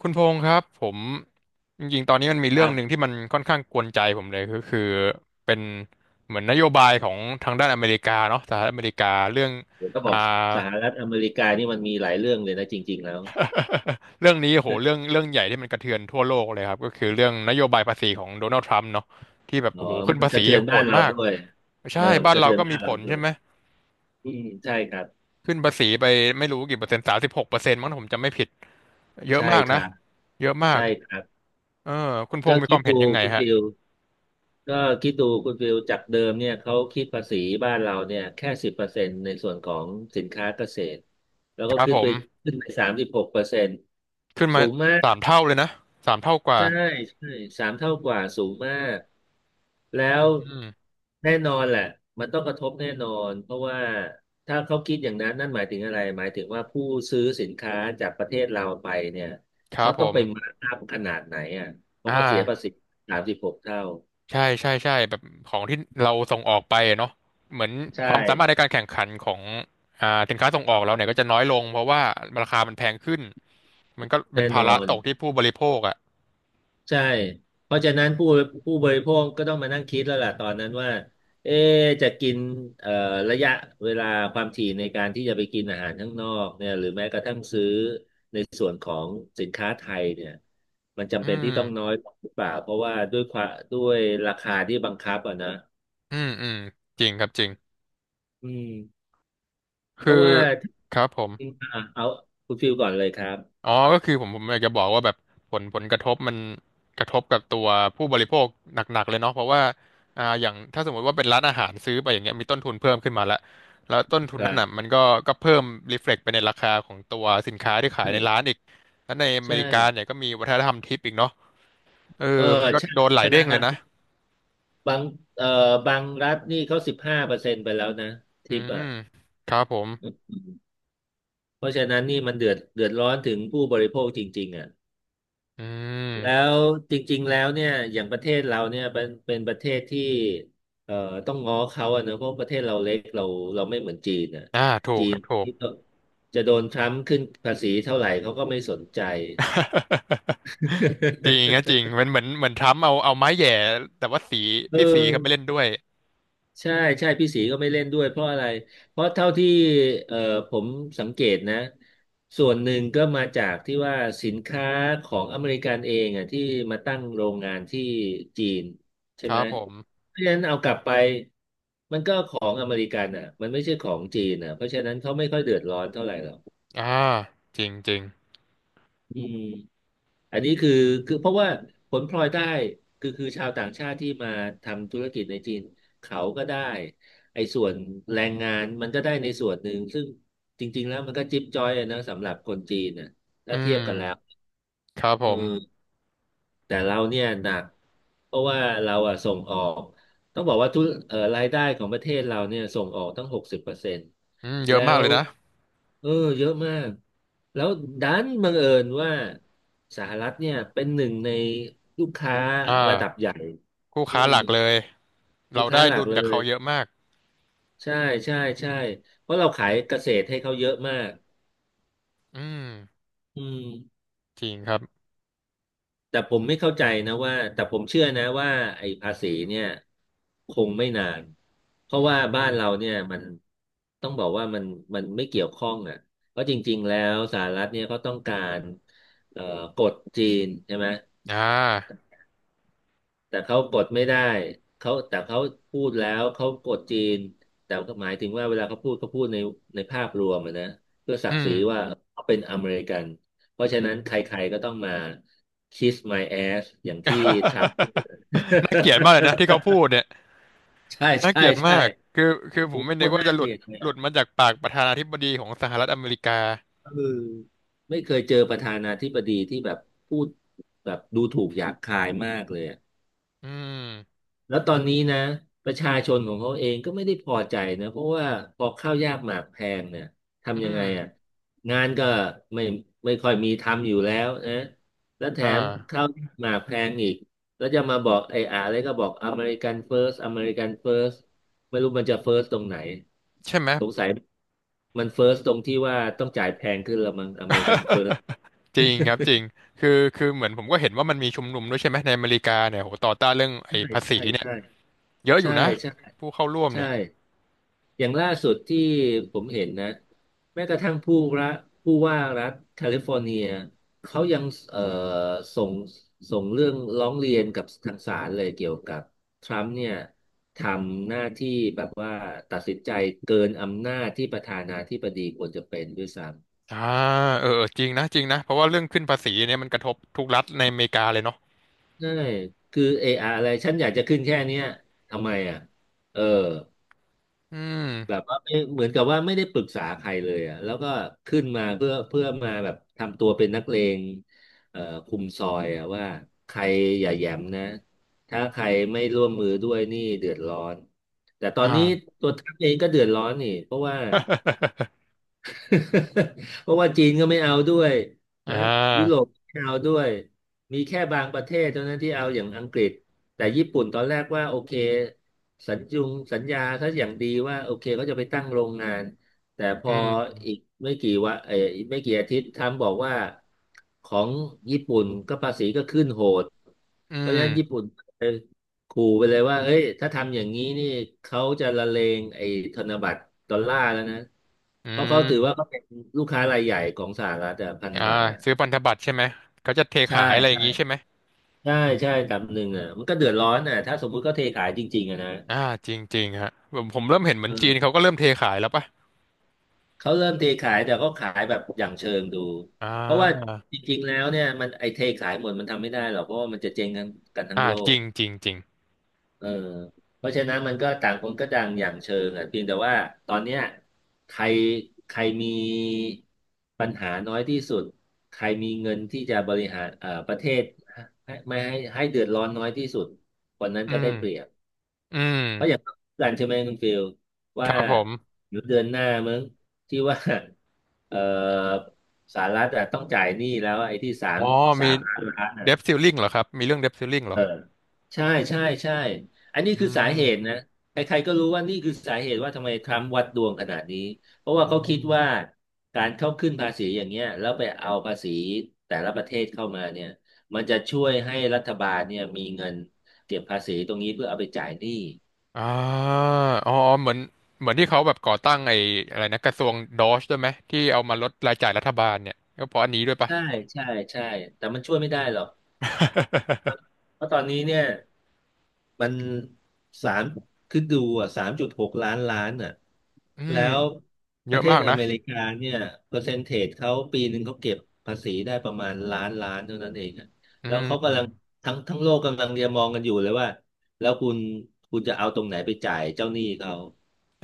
คุณพงษ์ครับผมจริงๆตอนนี้มันมีคเรื่อรังหนึ่งบที่มันค่อนข้างกวนใจผมเลยก็คือเป็นเหมือนนโยบายของทางด้านอเมริกาเนาะสหรัฐอเมริกาเรื่องผมก็บอ่าอกสหรัฐอเมริกานี่มันมีหลายเรื่องเลยนะจริงๆแล้วเรื่องนี้โหเรื่องใหญ่ที่มันกระเทือนทั่วโลกเลยครับก็คือเรื่องนโยบายภาษีของโดนัลด์ทรัมป์เนาะที่แบบอ๋อโอ้โหขึ้นมันภากระษีเทือนโหบ้านดเรามากด้วยเออใช่มันบ้านกระเราเทือนก็บ้ามีนผเราลด้วใช่ยไหมอืมใช่ครับขึ้นภาษีไปไม่รู้กี่เปอร์เซ็นต์36%มั้งถ้าผมจำไม่ผิดเยอะใช่มากคนะรับเยอะมากใช่ครับเออคุณพก็งษ์มีคคิวาดมเห็นดูยังไงคุณฮะฟิลก็คิดดูคุณฟิลจากเดิมเนี่ยเขาคิดภาษีบ้านเราเนี่ยแค่สิบเปอร์เซ็นต์ในส่วนของสินค้าเกษตรแล้วคก็รับขึ้ผนไปม ขึ้นไป36%ขึ้นสูมางมาก สามเท่าเลยนะสามเท่ากว่าใช่ใช่3 เท่ากว่าสูงมากแล้วแน่นอนแหละมันต้องกระทบแน่นอนเพราะว่าถ้าเขาคิดอย่างนั้นนั่นหมายถึงอะไรหมายถึงว่าผู้ซื้อสินค้าจากประเทศเราไปเนี่ยครัเขาบผต้องมไปมาร์กอัพขนาดไหนอ่ะเพอ่ราะเขาเสียภาาษี36 เท่าใช่ใช่ใช่แบบของที่เราส่งออกไปอะเนาะเหมือนใช่ความสามารถในการแข่งขันของสินค้าส่งออกเราเนี่ยก็จะน้อยลงเพราะว่าราคามันแพงขึ้นมันก็เป็นแน่นภาอระน ตกที่ผู้บริโภคอ่ะใช่ เพราะฉะนั้นผู้บริโภคก็ต้องมานั่งคิดแล้วล่ะตอนนั้นว่าเอ๊ะจะกินเอ่อระยะเวลาความถี่ในการที่จะไปกินอาหารข้างนอกเนี่ยหรือแม้กระทั่งซื้อในส่วนของสินค้าไทยเนี่ยมันอืจำเป็นที่ต้องน้อมยลงหรือเปล่าเพราะว่าด้วยราคาที่บังคับอ่ะนะอืมอืมจริงครับจริงอืมเพคืราะอว่าครับผม อ่าเอาคุณฟิลก่อนเลยครับอ๋อ ก็คือผมอยากจะบอกว่าแบบผลกระทบมันกระทบกับตัวผู้บริโภคหนักๆเลยเนาะเพราะว่าอย่างถ้าสมมติว่าเป็นร้านอาหารซื้อไปอย่างเงี้ยมีต้นทุนเพิ่มขึ้นมาแล้วแล้วต้นทุคนรันั้นน่ะบมันก็เพิ่มรีเฟล็กไปในราคาของตัวสินค้าที่ขายใช่ในร้านอีกแล้วในอเมใช่ริกาเนี่ยก็มีวัฒนธรรมทิปอีกเนาะเออเออมันก็ใช่โดนวัหลาฒยนเด้งธเลรยรม นะบางเอ่อบางรัฐนี่เขา15%ไปแล้วนะอืทิปมอ่ะครับผมอืมเพราะฉะนั้นนี่มันเดือดร้อนถึงผู้บริโภคจริงๆอ่ะอืแล้มวจริงๆแล้วเนี่ยอย่างประเทศเราเนี่ยเป็นประเทศที่เอ่อต้องง้อเขาอะนะเพราะประเทศเราเล็กเราไม่เหมือนจีนอ่ะอ่าถูกจีคนรับถูก ที่ ต้องจะโดนทรัมป์ขึ้นภาษีเท่าไหร่เขาก็ไม่สนใจ จริงครับจริงมันเหมือนเหมือนทรัมป์เอาไม้แหย่แต่ว่าสี เอพี่สีเขาไม่อ เล่นด้วย ใช่ใช่พี่ศรีก็ไม่เล่นด้วยเพราะอะไรเพราะเท่าที่เอ่อผมสังเกตนะส่วนหนึ่งก็มาจากที่ว่าสินค้าของอเมริกันเองอ่ะที่มาตั้งโรงงานที่จีนใช่คไหรัมบผมเพราะฉะนั้นเอากลับไปมันก็ของอเมริกันอ่ะมันไม่ใช่ของจีนอ่ะเพราะฉะนั้นเขาไม่ค่อยเดือดร้อนเท่าไหร่หรอกอ่าจริงจริงอืม อันนี้คือเพราะว่าผลพลอยได้คือชาวต่างชาติที่มาทำธุรกิจในจีนเขาก็ได้ไอ้ส่วนแรงงานมันก็ได้ในส่วนหนึ่งซึ่งจริงๆแล้วมันก็จิ๊บจ้อยอะนะสำหรับคนจีนนะอืถ้าเทียบกันแล้วมครับผเมออ แต่เราเนี่ยหนักเพราะว่าเราอะส่งออกต้องบอกว่าทุกรายได้ของประเทศเราเนี่ยส่งออกตั้ง60%อืมเยอะแล้มากวเลยนะเออเยอะมากแล้วดันบังเอิญว่าสหรัฐเนี่ยเป็นหนึ่งในลูกค้าอ่าระดับใหญ่คู่อืค้ามหลักเลย ลูเรากค้าได้หลัดุกลเลจากยเขาเยอะมากใช่ใช่ใช่เพราะเราขายเกษตรให้เขาเยอะมากอืมอืม จริงครับแต่ผมไม่เข้าใจนะว่าแต่ผมเชื่อนะว่าไอ้ภาษีเนี่ยคงไม่นานเพราะว่าอืบ้านมเราเนี่ยมันต้องบอกว่ามันมันไม่เกี่ยวข้องอ่ะเพราะจริงๆแล้วสหรัฐเนี่ยเขาต้องการเอ่อกดจีนใช่ไหม อ่าแต่เขากดไม่ได้เขาพูดแล้วเขากดจีนแต่ก็หมายถึงว่าเวลาเขาพูดเขาพูดในในภาพรวมอะนะเพื่อศัอืกดิ์ศมรีว่าเขาเป็นอเมริกันเพอืราะฉะม นั้นใครๆก็ต้องมา kiss my ass อย่างที่ทรัมป์พูด น่าเกลียดมากเลยนะที่เขาพูดเนี่ย ใช่น่าเกใช่ลียดมาใช่กคือคือผโอ้มโหไม่โคนึกตรว่าน่าจะหเกลุลีดยดเลยหลุดอะมาจากปากประธานาธิบดีของสหรัฐอเมริกาเออไม่เคยเจอประธานาธิบดีที่แบบพูดแบบดูถูกหยาบคายมากเลยอะ อืมแล้วตอนนี้นะประชาชนของเขาเองก็ไม่ได้พอใจนะเพราะว่าพอข้าวยากหมากแพงเนี่ยอืทำยังไงมอ่ะงานก็ไม่ไม่ค่อยมีทำอยู่แล้วนะแล้วแถอ่ามข้าวยากหมากแพงอีกแล้วจะมาบอกไอ้อะไรก็บอกอเมริกันเฟิร์สอเมริกันเฟิร์สไม่รู้มันจะเฟิร์สตรงไหนใช่ไหม สงสัยมันเฟิร์สตรงที่ว่าต้องจ่ายแพงขึ้นละมั้งอเมริกันเฟิร์สจริงครับจริงคือคือเหมือนผมก็เห็นว่ามันมีชุมนุมด้วยใช่ไหมในอเมริกาเนี่ยโหต่อต้านเรื่องใช่ไอ้ภาษีใช่เนี่ยใช่ เยอะอใช่ยู่นะใช่ผู้เข้าร่วมใช่เนี่ยอย่างล่าสุดที่ผมเห็นนะแม้กระทั่งรัฐผู้ว่ารัฐแคลิฟอร์เนียเขายังเอ่อส่งส่งเรื่องร้องเรียนกับทางศาลเลยเกี่ยวกับทรัมป์เนี่ยทำหน้าที่แบบว่าตัดสินใจเกินอำนาจที่ประธานาธิบดีควรจะเป็นด้วยซ้ำอ่าเออเออจริงนะจริงนะเพราะว่าเรื่องขึ้นภาษีเนี่ยมันกระทบทุกรัฐในอเมริกาเลยเนาะใช่คือเอออะไรฉันอยากจะขึ้นแค่เนี้ยทำไมอ่ะเออ อืมแบบว่าไม่เหมือนกับว่าไม่ได้ปรึกษาใครเลยอ่ะแล้วก็ขึ้นมาเพื่อมาแบบทำตัวเป็นนักเลงเอ่อคุมซอยอ่ะว่าใครอย่าแหย้มนะถ้าใครไม่ร่วมมือด้วยนี่เดือดร้อนแต่ตอนนี้อ่า ตัวท่านเองก็เดือดร้อนนี่เพราะว่า เพราะว่าจีนก็ไม่เอาด้วยอ่นะยุโราปไม่เอาด้วยมีแค่บางประเทศเท่านั้นที่เอาอย่างอังกฤษแต่ญี่ปุ่นตอนแรกว่าโอเคสัญญงสัญญาเขาอย่างดีว่าโอเคเขาจะไปตั้งโรงงานแต่พอืออีกมอีกไม่กี่อาทิตย์ทรัมป์บอกว่าของญี่ปุ่นก็ภาษีก็ขึ้นโหดอืเพราะฉะนั้นญี่มปุ่น ขู่ไปเลยว่าเอ้ยถ้าทำอย่างนี้นี่เขาจะละเลงไอ้ธนบัตรดอลลาร์แล้วนะอืเพราะเขาถือว่ามเขาเป็นลูกค้ารายใหญ่ของสหรัฐอะพันธอ่าบัตรอะซื้อพันธบัตรใช่ไหมเขาจะเทใช่ ขายอะไรอย่าใช่งงี้ใช่ไหมใช่ใช่ลำหนึ่งอะมันก็เดือดร้อนอะถ้าสมมุติเขาเทขายจริงๆอะนะอ่าจริงจริงฮะผมเริ่มเห็นเหมือนจีนเออเขาก็เริ่มเทขายแล้วป่ะเขาเริ่มเทขายแต่เขาขายแบบอย่างเชิงดูอ่เพราะว่าาจริงๆแล้วเนี่ยมันไอ้เทขายหมดมันทำไม่ได้หรอกเพราะว่ามันจะเจ๊งกันทั้งอ่าโลจก ริงจริงจริงเออเพราะฉะนั้นมันก็ต่างคนก็ต่างอย่างเชิงอ่ะเพียงแต่ว่าตอนเนี้ยใครใครมีปัญหาน้อยที่สุดใครมีเงินที่จะบริหารประเทศให้ไม่ให้ให้เดือดร้อนน้อยที่สุดคนนั้นอืก็ได้มเปรียบอืมเพราะอย่างกันใช่ไหมคุณฟิลคว่ารับผม เดี๋ยวเดือนหน้ามั้งที่ว่า เอ่อสหรัฐอะต้องจ่ายหนี้แล้วไอ้ที่อ๋อ สามีมล้านล้าน เดฟซิลลิงเหรอครับ มีเรื่องเดฟซิลลิงเหรเอออใช่ใช่ใช่อันนี้อืคือสามเหตุนะใครๆก็รู้ว่านี่คือสาเหตุว่าทำไมทรัมป์วัดดวงขนาดนี้เพราะอืว่าเขาคิดมว่าการเข้าขึ้นภาษีอย่างเงี้ยแล้วไปเอาภาษีแต่ละประเทศเข้ามาเนี่ยมันจะช่วยให้รัฐบาลเนี่ยมีเงินเก็บภาษีตรงนี้เพื่อเอาไปจ่ายหนี้อ่าอ๋อ เหมือน เหมือนที่เขาแบบก่อตั้งไอ้อะไรนะ กระทรวงดอชด้วยไหมที่เอามาลดรายจ่ายรัฐบาลเนี่ยก็เพราะอันนี้ด้วยปะใช่ใช่ใช่แต่มันช่วยไม่ได้หรอกเพราะตอนนี้เนี่ย มันสามคือดูอ่ะ3.6 ล้านล้านอ่ะอืแล้ม วปเยระอะเทมาศกอนะ เมริกาเนี่ยเปอร์เซนเทจเขาปีหนึ่งเขาเก็บภาษีได้ประมาณล้านล้านเท่านั้นเองอะอืแล้วเขากำลังม ทั้งโลกกำลังเรียมองกันอยู่เลยว่าแล้วคุณจะเอาตรงไหนไปจ่ายเจ้าหนี้เขา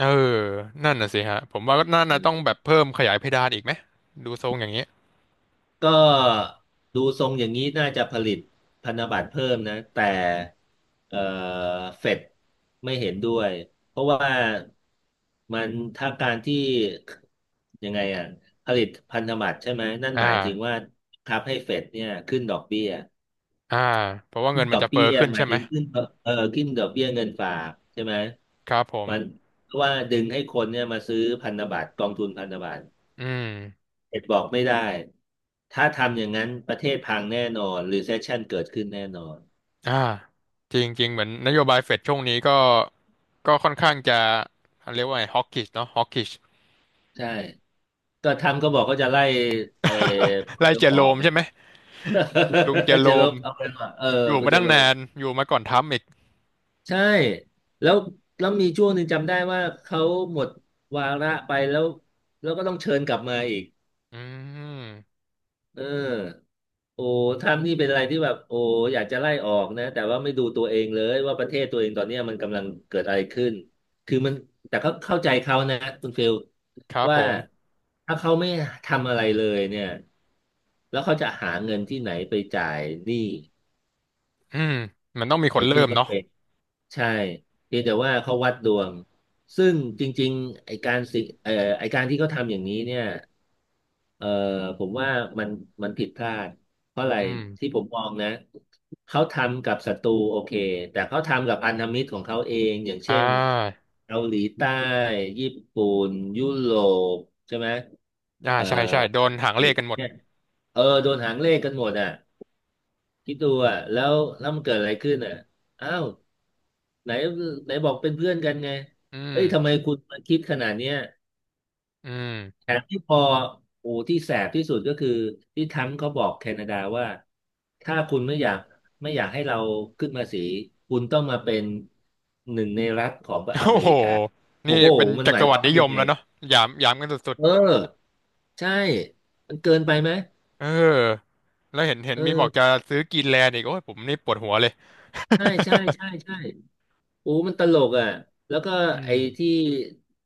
เออ นั่นน่ะสิฮะ ผมว่าน่าน่ะต้องแบบเพิ่มขยายเพดานอีกไหมดูทรงอย่างนี้ ก็ดูทรงอย่างนี้น่าจะผลิตพันธบัตรเพิ่มนะแต่เอ่อเฟดไม่เห็นด้วยเพราะว่ามันถ้าการที่ยังไงอ่ะผลิตพันธบัตรใช่ไหมนั่นอ่า หมายถึงว่าทับให้เฟดเนี่ยขึ้นดอกเบี้ยอ่า เพราะว่าขึ้เงินนดมันอกจะเฟ้เบี้อยขึ้นหมาใช่ยไหมถึงขึ้นขึ้นดอกเบี้ยเงินฝากใช่ไหมครับผมมันเพราะว่าดึงให้คนเนี่ยมาซื้อพันธบัตรกองทุนพันธบัตร อืม เด็กบอกไม่ได้ ถ้าทำอย่างนั้นประเทศพังแน่นอนรีเซ s ชันเกิดขึ้นแน่นอนอ่าจริงจริงเหมือนนโยบายเฟดช่วงนี้ก็ก็ค่อนข้างจะเรียกว่าไงฮอกกิชเนาะฮอกกิชใช่ก็ทำก็บอกก็จะไล่เออไล่เออเจออโรอกมไง ใช่ไหมลุงเจอ โรจะลมบเอาไปว่าเอออยู่ก็มาจะตั้งลนาบนอยู่มาก่อนทรัมป์อีกใช่แล้วมีช่วงหนึ่งจำได้ว่าเขาหมดวาระไปแล้วแล้วก็ต้องเชิญกลับมาอีกอืมเออ โอ้ทำนี่เป็นอะไรที่แบบโอ้อยากจะไล่ออกนะแต่ว่าไม่ดูตัวเองเลยว่าประเทศตัวเองตอนเนี้ยมันกำลังเกิดอะไรขึ้นคือมันแต่เขาเข้าใจเขานะคุณฟิลครับผว่ามถ้าเขาไม่ทำอะไรเลยเนี่ยแล้วเขาจะหาเงินที่ไหนไปจ่ายหนี้ อืมมันต้องมีคนไอ้เริ่ที่มก็เนาะเป็นใช่เพียงแต่ว่าเขาวัดดวงซึ่งจริงๆไอ้การสิเอ่อไอ้การที่เขาทำอย่างนี้เนี่ยเอ่อผมว่ามันมันผิดพลาดเพราะอะไรอืมที่ผมมองนะเขาทำกับศัตรูโอเคแต่เขาทำกับพันธมิตรของเขาเองอย่างอ่าเช่นเกาหลีใต้ญี่ปุ่นยุโรปใช่ไหมอ่าเอ่อใช่ใช่โดนหางเลขกันหมดเนี่ยเออโดนหางเลขกันหมดอ่ะ คิดดูอ่ะแล้วมันเกิดอะไรขึ้นอ่ะอ้าวไหนไหนบอกเป็นเพื่อนกันไงอืเอ้ยทำไมมคุณมาคิดขนาดเนี้ยอืแถมมที่พอโอ้ที่แสบที่สุดก็คือที่ทรั้มป์เขาบอกแคนาดาว่าถ้าคุณไม่อยากให้เราขึ้นภาษีคุณต้องมาเป็นหนึ่งในรัฐของอโอ้เมโหริกาโอ้นี่โหเป็นมันจัหกมารยวครรวามดินิว่ายยัมงไงแล้วเนาะหยามหยามกันสุดเออใช่มันเกินไปไหมๆเออแล้วเห็นเห็นเอมีบอกอจะซื้อกรีนแลนด์อีกโอ้ยผมนี่ปวดหัวเลย ใช่ใช่ใช่ใช่ โอ้มันตลกอ่ะแล้วก็ อืไอ้มที่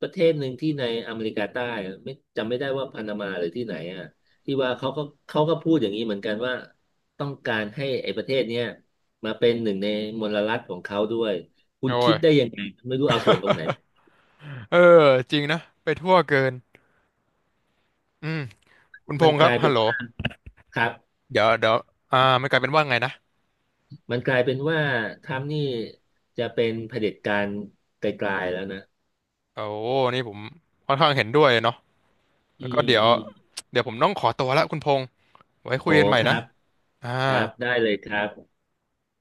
ประเทศหนึ่งที่ในอเมริกาใต้อะไม่ได้ว่าพานามาหรือที่ไหนอ่ะที่ว่าเขาก็เขาก็พูดอย่างนี้เหมือนกันว่าต้องการให้ไอ้ประเทศเนี้ยมาเป็นหนึ่งในมลรัฐของเขาด้วยคุโอ้ณคิดย ได้ยังไงไม่รู้เอาส่วนตรงไหนเออจริงนะไปทั่วเกิน อืมคุณพมันงษ์คกรับลายฮัเป็ลนโหลว่าครับเดี๋ยวเดี๋ยวอ่าไม่กลายเป็นว่าไงนะมันกลายเป็นว่าทรัมป์นี่จะเป็นเผด็จการไกลๆแล้วนะโอ้นี่ผมค่อนข้างเห็นด้วยเนาะอืแล้วก็มเดี๋ยวอืมเดี๋ยวผมต้องขอตัวละคุณพงษ์ไว้คุโอ้ยกันใหม่ครันะบอ่าครับได้เลยครับ